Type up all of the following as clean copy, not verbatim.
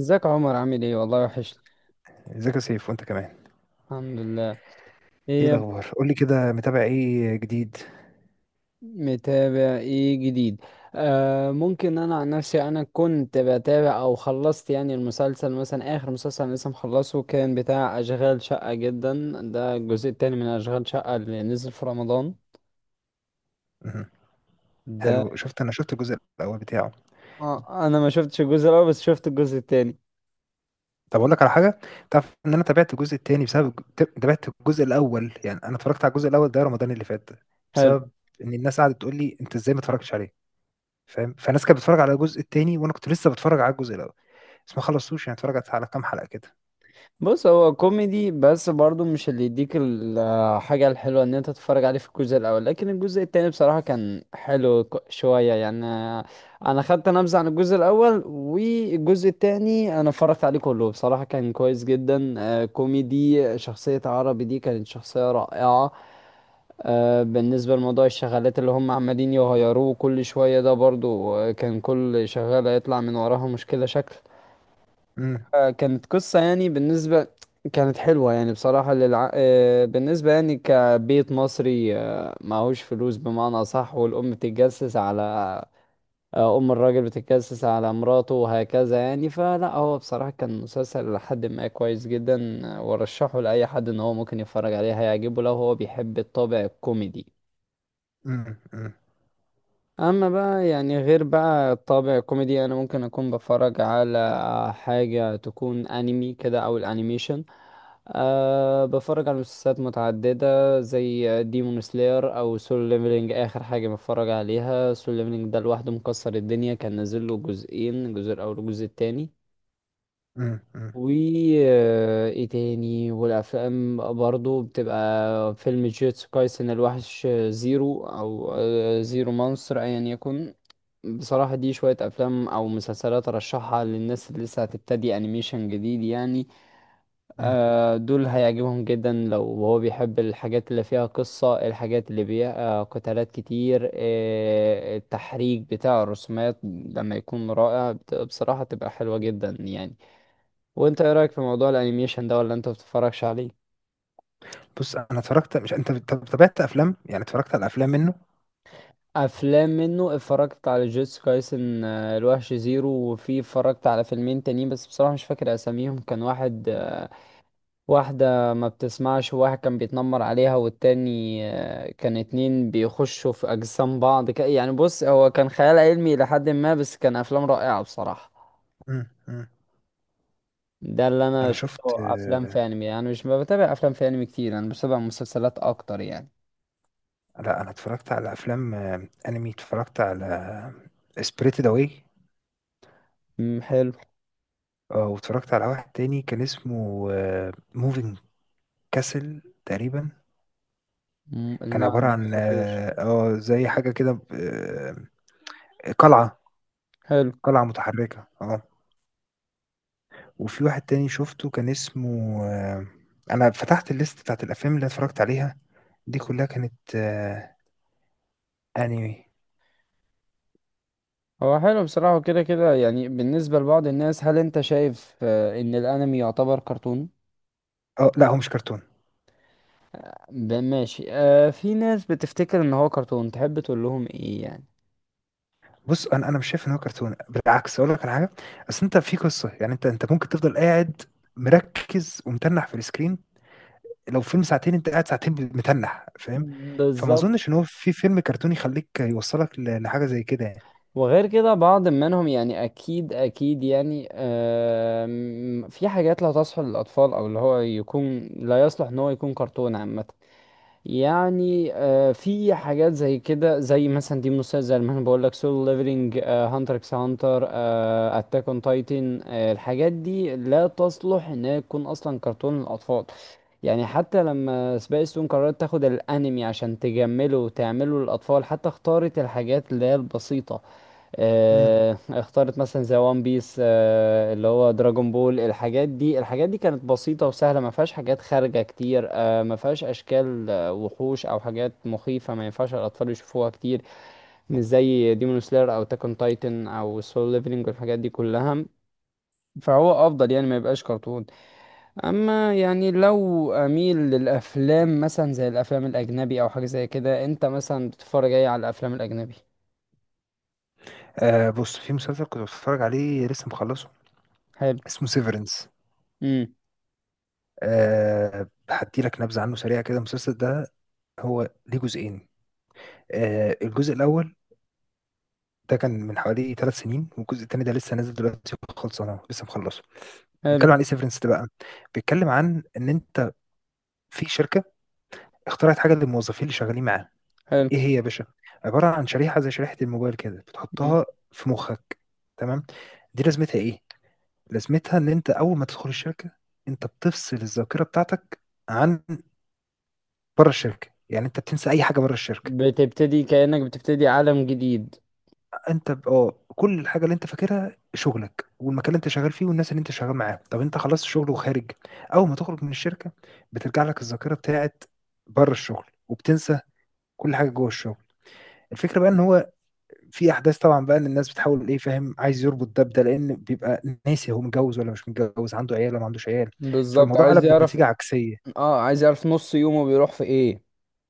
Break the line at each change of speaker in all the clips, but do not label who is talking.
ازيك يا عمر، عامل ايه؟ والله وحشني.
ازيك يا سيف، وانت كمان؟
الحمد لله.
ايه
ايه يا ب-
الاخبار؟ قول لي كده، متابع ايه جديد؟
متابع ايه جديد؟ آه، ممكن. انا عن نفسي، انا كنت بتابع او خلصت يعني المسلسل، مثلا اخر مسلسل أنا لسه مخلصه كان بتاع اشغال شقة جدا. ده الجزء التاني من اشغال شقة اللي نزل في رمضان
مهم. حلو،
ده.
شفت، انا شفت الجزء الاول بتاعه.
آه، انا ما شفتش الجزء الاول بس شفت الجزء التاني.
طب اقول لك على حاجه، تعرف ان انا تابعت الجزء الثاني بسبب تابعت الجزء الاول. يعني انا اتفرجت على الجزء الاول ده رمضان اللي فات، بسبب ان الناس قعدت تقول لي انت ازاي ما اتفرجتش عليه، فاهم؟ فالناس كانت بتتفرج على الجزء الثاني وانا كنت لسه بتفرج على الجزء الاول، بس ما خلصتوش، يعني اتفرجت على كام حلقه كده.
بص، هو كوميدي بس برضو مش اللي يديك الحاجة الحلوة ان انت تتفرج عليه في الجزء الاول، لكن الجزء التاني بصراحة كان حلو شوية يعني. انا خدت نبذة عن الجزء الاول، والجزء التاني انا اتفرجت عليه كله، بصراحة كان كويس جدا. كوميدي. شخصية عربي دي كانت شخصية رائعة. بالنسبة لموضوع الشغالات اللي هم عمالين يغيروه كل شوية ده، برضو كان كل شغالة يطلع من وراها مشكلة شكل.
امم.
كانت قصة يعني، بالنسبة كانت حلوة يعني بصراحة للع... آه، بالنسبة يعني كبيت مصري، معهوش فلوس بمعنى صح، والأم بتتجسس على أم الراجل بتتجسس على مراته وهكذا يعني. فلا هو بصراحة كان مسلسل لحد ما كويس جدا. وأرشحه لأي حد إن هو ممكن يتفرج عليه، هيعجبه لو هو بيحب الطابع الكوميدي.
امم. امم.
اما بقى يعني غير بقى طابع كوميدي، انا ممكن اكون بتفرج على حاجة تكون انمي كده او الانيميشن. أه، بتفرج على مسلسلات متعددة زي ديمون سلاير او سول ليفلينج. اخر حاجة بتفرج عليها سول ليفلينج ده، لوحده مكسر الدنيا، كان نازل له جزئين الجزء الاول والجزء التاني.
امم. امم.
و ايه تاني، والافلام برضو بتبقى فيلم جيتسو كايسن الوحش زيرو، او زيرو مانستر ايا يكن. بصراحة دي شوية أفلام أو مسلسلات أرشحها للناس اللي لسه هتبتدي أنيميشن جديد يعني.
أمم.
دول هيعجبهم جدا لو هو بيحب الحاجات اللي فيها قصة، الحاجات اللي فيها قتالات كتير، التحريك بتاع الرسومات لما يكون رائع بصراحة تبقى حلوة جدا يعني. وأنت إيه رأيك في موضوع الأنيميشن ده، ولا أنت بتتفرجش عليه؟
بص، انا اتفرجت. مش انت، طب تابعت افلام، يعني اتفرجت على افلام منه؟
افلام منه اتفرجت على جيتس كايسن الوحش زيرو، وفي اتفرجت على فيلمين تانيين بس بصراحة مش فاكر اساميهم. كان واحد، واحدة ما بتسمعش وواحد كان بيتنمر عليها، والتاني كان اتنين بيخشوا في أجسام بعض يعني. بص هو كان خيال علمي لحد ما بس كان أفلام رائعة بصراحة.
امم. أمم.
ده اللي أنا
انا شفت
شفته أفلام في أنمي يعني. مش ما بتابع أفلام في أنمي كتير، أنا بتابع مسلسلات أكتر يعني.
لا، انا اتفرجت على افلام انمي. اتفرجت على سبريتد اواي.
أمم، حلو.
اه، واتفرجت على واحد تاني كان اسمه موفينج كاسل تقريبا.
أمم،
كان
لا ده
عبارة
ما
عن
اعرفوش.
زي حاجة كده، قلعة
حلو.
قلعة متحركة، اه. وفي واحد تاني شفته كان اسمه انا فتحت الليست بتاعت الافلام اللي اتفرجت عليها، دي كلها كانت انمي.
هو حلو بصراحة كده كده يعني. بالنسبة لبعض الناس هل أنت شايف إن الأنمي يعتبر كرتون؟
اه، لا هو مش كرتون.
ماشي. آه، في ناس بتفتكر إن هو كرتون، تحب تقول لهم إيه يعني؟
بص، انا مش شايف ان هو كرتون. بالعكس، اقول لك على حاجه. اصل انت في قصه، يعني انت ممكن تفضل قاعد مركز ومتنح في السكرين. لو فيلم ساعتين، انت قاعد ساعتين متنح، فاهم؟ فما
بالظبط.
اظنش ان هو في فيلم كرتوني يخليك يوصلك لحاجه زي كده يعني.
وغير كده بعض منهم يعني، اكيد اكيد يعني في حاجات لا تصلح للاطفال، او اللي هو يكون لا يصلح ان هو يكون كرتون عامه يعني. في حاجات زي كده زي مثلا، دي مسلسل زي ما انا بقول لك سولو ليفلنج، هانتر اكس هانتر، اتاك اون تايتن. الحاجات دي لا تصلح انها تكون اصلا كرتون للاطفال يعني. حتى لما سبايس تون قررت تاخد الانمي عشان تجمله وتعمله للاطفال، حتى اختارت الحاجات اللي هي البسيطة.
مم.
اخترت مثلا زي وان بيس، اللي هو دراجون بول. الحاجات دي، الحاجات دي كانت بسيطة وسهلة، ما فيهاش حاجات خارجة كتير، ما فيهاش اشكال، وحوش او حاجات مخيفة ما ينفعش الاطفال يشوفوها كتير. مش زي ديمون سلاير او تاكون تايتن او سول ليفلنج والحاجات دي كلها. فهو افضل يعني ما يبقاش كرتون. اما يعني لو اميل للافلام مثلا زي الافلام الاجنبي او حاجة زي كده، انت مثلا بتتفرج ايه على الافلام الاجنبي؟
بص، في مسلسل كنت بتفرج عليه لسه مخلصه،
حلو.
اسمه سيفرنس.
امم.
هدي لك نبذه عنه سريعه كده، المسلسل ده هو ليه جزئين. الجزء الاول ده كان من حوالي 3 سنين، والجزء التاني ده لسه نازل دلوقتي، خلصانه لسه مخلصه.
حلو.
بيتكلم عن ايه سيفرنس ده بقى؟ بيتكلم عن ان انت في شركه اخترعت حاجه للموظفين اللي شغالين معاها.
حلو.
ايه هي يا باشا؟ عباره عن شريحه، زي شريحه الموبايل كده، بتحطها في مخك. تمام؟ دي لازمتها ايه؟ لازمتها ان انت اول ما تدخل الشركه، انت بتفصل الذاكره بتاعتك عن بره الشركه، يعني انت بتنسى اي حاجه بره الشركه.
بتبتدي كأنك بتبتدي عالم جديد.
انت كل الحاجه اللي انت فاكرها شغلك والمكان اللي انت شغال فيه والناس اللي انت شغال معاهم. طب انت خلصت شغل وخارج، اول ما تخرج من الشركه، بترجع لك الذاكره بتاعت بره الشغل، وبتنسى كل حاجه جوه الشغل. الفكره بقى ان هو في احداث طبعا بقى، ان الناس بتحاول ايه، فاهم؟ عايز يربط ده بده، لان بيبقى ناسي هو متجوز ولا مش متجوز، عنده عيال ولا ما عندوش عيال.
بالظبط،
فالموضوع
عايز
قلب
يعرف.
بنتيجه عكسيه.
اه عايز يعرف نص يومه بيروح في ايه.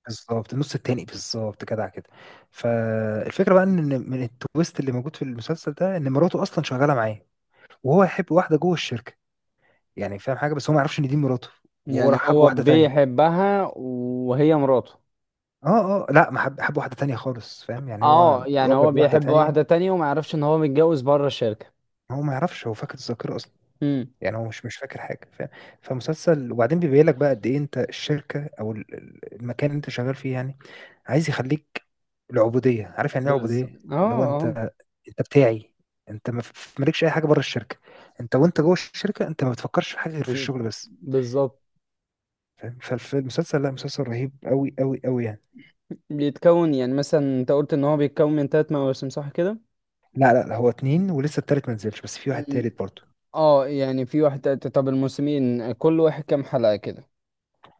بالظبط، النص التاني بالظبط كده كده. فالفكره بقى ان من التويست اللي موجود في المسلسل ده ان مراته اصلا شغاله معاه، وهو يحب واحده جوه الشركه. يعني فاهم حاجه، بس هو ما يعرفش ان دي مراته، وهو
يعني
راح حب
هو
واحده تانية.
بيحبها وهي مراته.
اه، اه، لا، ما حب واحده تانية خالص، فاهم؟ يعني هو
اه يعني هو
وجد واحده
بيحب
تانية.
واحدة تانية وما يعرفش ان هو متجوز بره الشركة.
هو ما يعرفش، هو فاقد الذاكره اصلا،
امم.
يعني هو مش فاكر حاجه، فاهم؟ فمسلسل، وبعدين بيبين لك بقى قد ايه انت الشركه او المكان اللي انت شغال فيه، يعني عايز يخليك العبوديه، عارف يعني ايه عبوديه؟
بالظبط. اه
اللي هو انت،
آه.
انت بتاعي، انت ما ف- مالكش اي حاجه بره الشركه، انت وانت جوه الشركه انت ما بتفكرش في حاجه غير في
انت.
الشغل بس،
بالظبط.
فاهم؟ فالمسلسل، لا، مسلسل رهيب قوي قوي قوي يعني.
بيتكون يعني مثلا، انت قلت ان هو بيتكون من 3 مواسم صح كده؟
لا لا لا، هو اتنين ولسه التالت ما نزلش، بس في واحد
ال-
تالت برضه.
اه يعني في واحد تالت. طب الموسمين كل واحد كام حلقة كده؟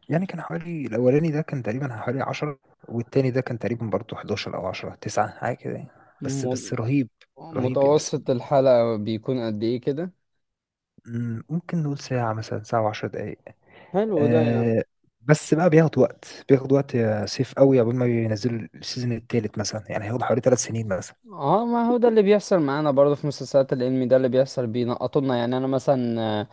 يعني كان حوالي الأولاني ده كان تقريبا حوالي 10، والتاني ده كان تقريبا برضه 11 أو 10 تسعة حاجة كده يعني. بس
م-
بس رهيب، رهيب يعني بس.
متوسط الحلقة بيكون قد ايه كده؟
ممكن نقول ساعة مثلا، ساعة وعشر دقايق.
حلو ده يعني.
آه بس بقى بياخد وقت، بياخد وقت يا سيف قوي، قبل ما ينزلوا السيزون التالت مثلا، يعني هياخد حوالي 3 سنين مثلا.
اه، ما هو ده اللي بيحصل معانا برضه في مسلسلات الانمي. ده اللي بيحصل، بينقطولنا يعني. انا مثلا آه،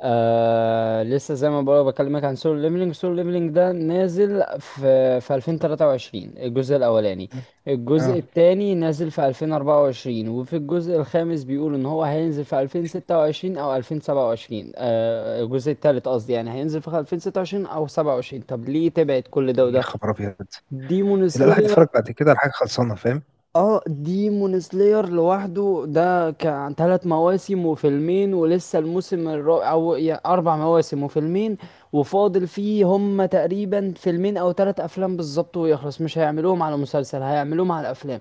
لسه زي ما بقول بكلمك عن سولو ليفلينج. سولو ليفلينج ده نازل في 2023 الجزء الاولاني.
مم.
الجزء
اه،
التاني نازل في 2024. وفي الجزء الخامس بيقولوا ان هو هينزل في 2026 او 2027، الجزء التالت قصدي يعني، هينزل في 2026 او 27. طب ليه تبعد كل ده
يا
وده؟
خبر ابيض.
ديمون
لا، الواحد يتفرج
سلاير.
بعد كده على حاجه خلصانه، فاهم؟
اه ديمون سلاير لوحده ده كان 3 مواسم وفيلمين، ولسه الموسم الرابع، او 4 مواسم وفيلمين. وفاضل فيه هم تقريبا فيلمين او 3 افلام بالظبط ويخلص. مش هيعملوهم على مسلسل، هيعملوهم على افلام.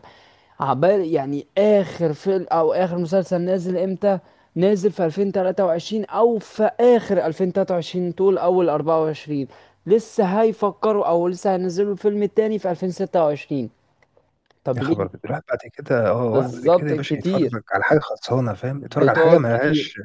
عبال يعني اخر فيلم او اخر مسلسل نازل امتى. نازل في 2023 او في اخر 2023 طول اول 24. لسه هيفكروا، او لسه هينزلوا الفيلم التاني في 2026.
يا
طب
خبر
ليه؟
ابيض، الواحد بعد كده الواحد بعد كده
بالظبط
يا باشا يتفرج
كتير.
على حاجه خلصانه، فاهم؟ يتفرج على حاجه
بتقعد
ما
كتير.
لهاش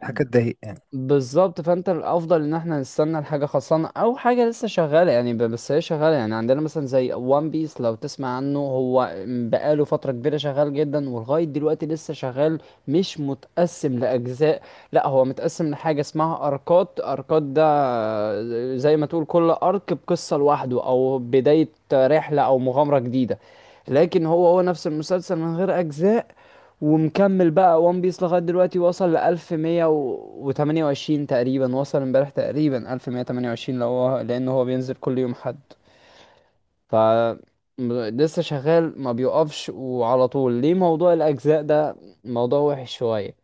حاجه، تضايق يعني.
بالظبط. فانت الافضل ان احنا نستنى الحاجه خلصانه، او حاجه لسه شغاله يعني. بس هي شغاله يعني، عندنا مثلا زي وان بيس. لو تسمع عنه، هو بقاله فتره كبيره شغال جدا، ولغايه دلوقتي لسه شغال. مش متقسم لاجزاء، لا هو متقسم لحاجه اسمها اركات. اركات ده زي ما تقول كل ارك بقصه لوحده، او بدايه رحله او مغامره جديده. لكن هو هو نفس المسلسل من غير اجزاء. ومكمل بقى وان بيس لغاية دلوقتي، وصل لـ1128 تقريبا، وصل امبارح تقريبا 1128، لو هو، لأن هو بينزل كل يوم حد. ف لسه شغال ما بيقفش وعلى طول. ليه موضوع الأجزاء ده موضوع وحش شوية.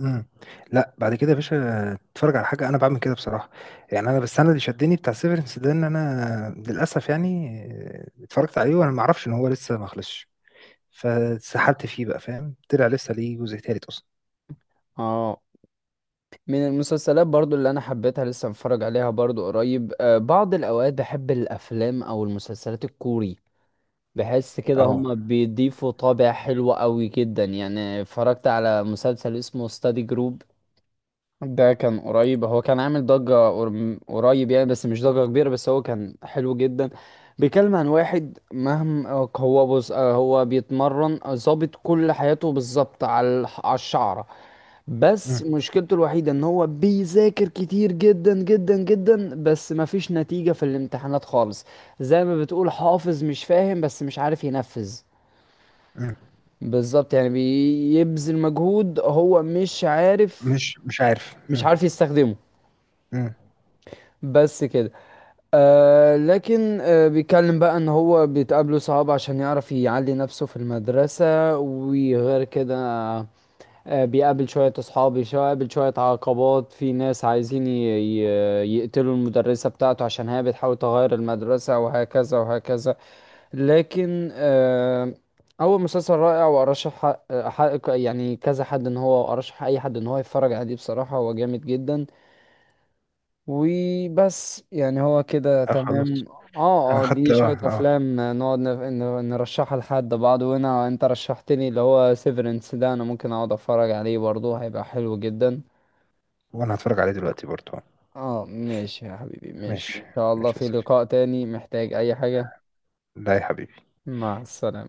امم. لا، بعد كده يا باشا اتفرج على حاجه، انا بعمل كده بصراحه. يعني انا بس انا اللي شدني بتاع سيفرنس ده ان انا للاسف يعني اتفرجت عليه وانا ما اعرفش ان هو لسه ما خلصش، فسحلت فيه بقى، فاهم؟ طلع لسه ليه جزء تالت اصلا.
اه، من المسلسلات برضو اللي أنا حبيتها لسه متفرج عليها برضو قريب، بعض الأوقات بحب الأفلام أو المسلسلات الكوري. بحس كده
اهو.
هما بيضيفوا طابع حلو قوي جدا يعني. اتفرجت على مسلسل اسمه ستادي جروب، ده كان قريب. هو كان عامل ضجة قريب يعني، بس مش ضجة كبيرة، بس هو كان حلو جدا. بيتكلم عن واحد مهما هو بص، هو بيتمرن ظابط كل حياته بالظبط على على الشعرة. بس
امم.
مشكلته الوحيدة ان هو بيذاكر كتير جدا جدا جدا، بس مفيش نتيجة في الامتحانات خالص. زي ما بتقول حافظ مش فاهم، بس مش عارف ينفذ.
امم.
بالظبط، يعني بيبذل مجهود هو مش عارف.
مش عارف،
مش
امم.
عارف يستخدمه.
امم.
بس كده. آه، لكن آه بيتكلم بقى ان هو بتقابله صعاب عشان يعرف يعلي نفسه في المدرسة، وغير كده بيقابل شوية اصحاب، بيقابل شوية عقبات، في ناس عايزين يقتلوا المدرسة بتاعته عشان هي بتحاول تغير المدرسة وهكذا وهكذا. لكن اول مسلسل رائع، وارشح يعني كذا حد ان هو، ارشح اي حد ان هو يتفرج عليه بصراحة هو جامد جدا. وبس يعني هو كده
اه، خلاص.
تمام.
انا
اه اه،
خدت
دي شوية افلام نقعد نرشحها لحد بعض. وانا انت رشحتني اللي هو سيفرنس ده، انا ممكن اقعد اتفرج عليه برضه هيبقى حلو جدا.
وانا هتفرج عليه دلوقتي برضه.
اه ماشي يا حبيبي، ماشي ان
ماشي.
شاء الله
ماشي يا
في
سيف.
لقاء تاني، محتاج اي حاجة.
لا يا حبيبي.
مع السلامة.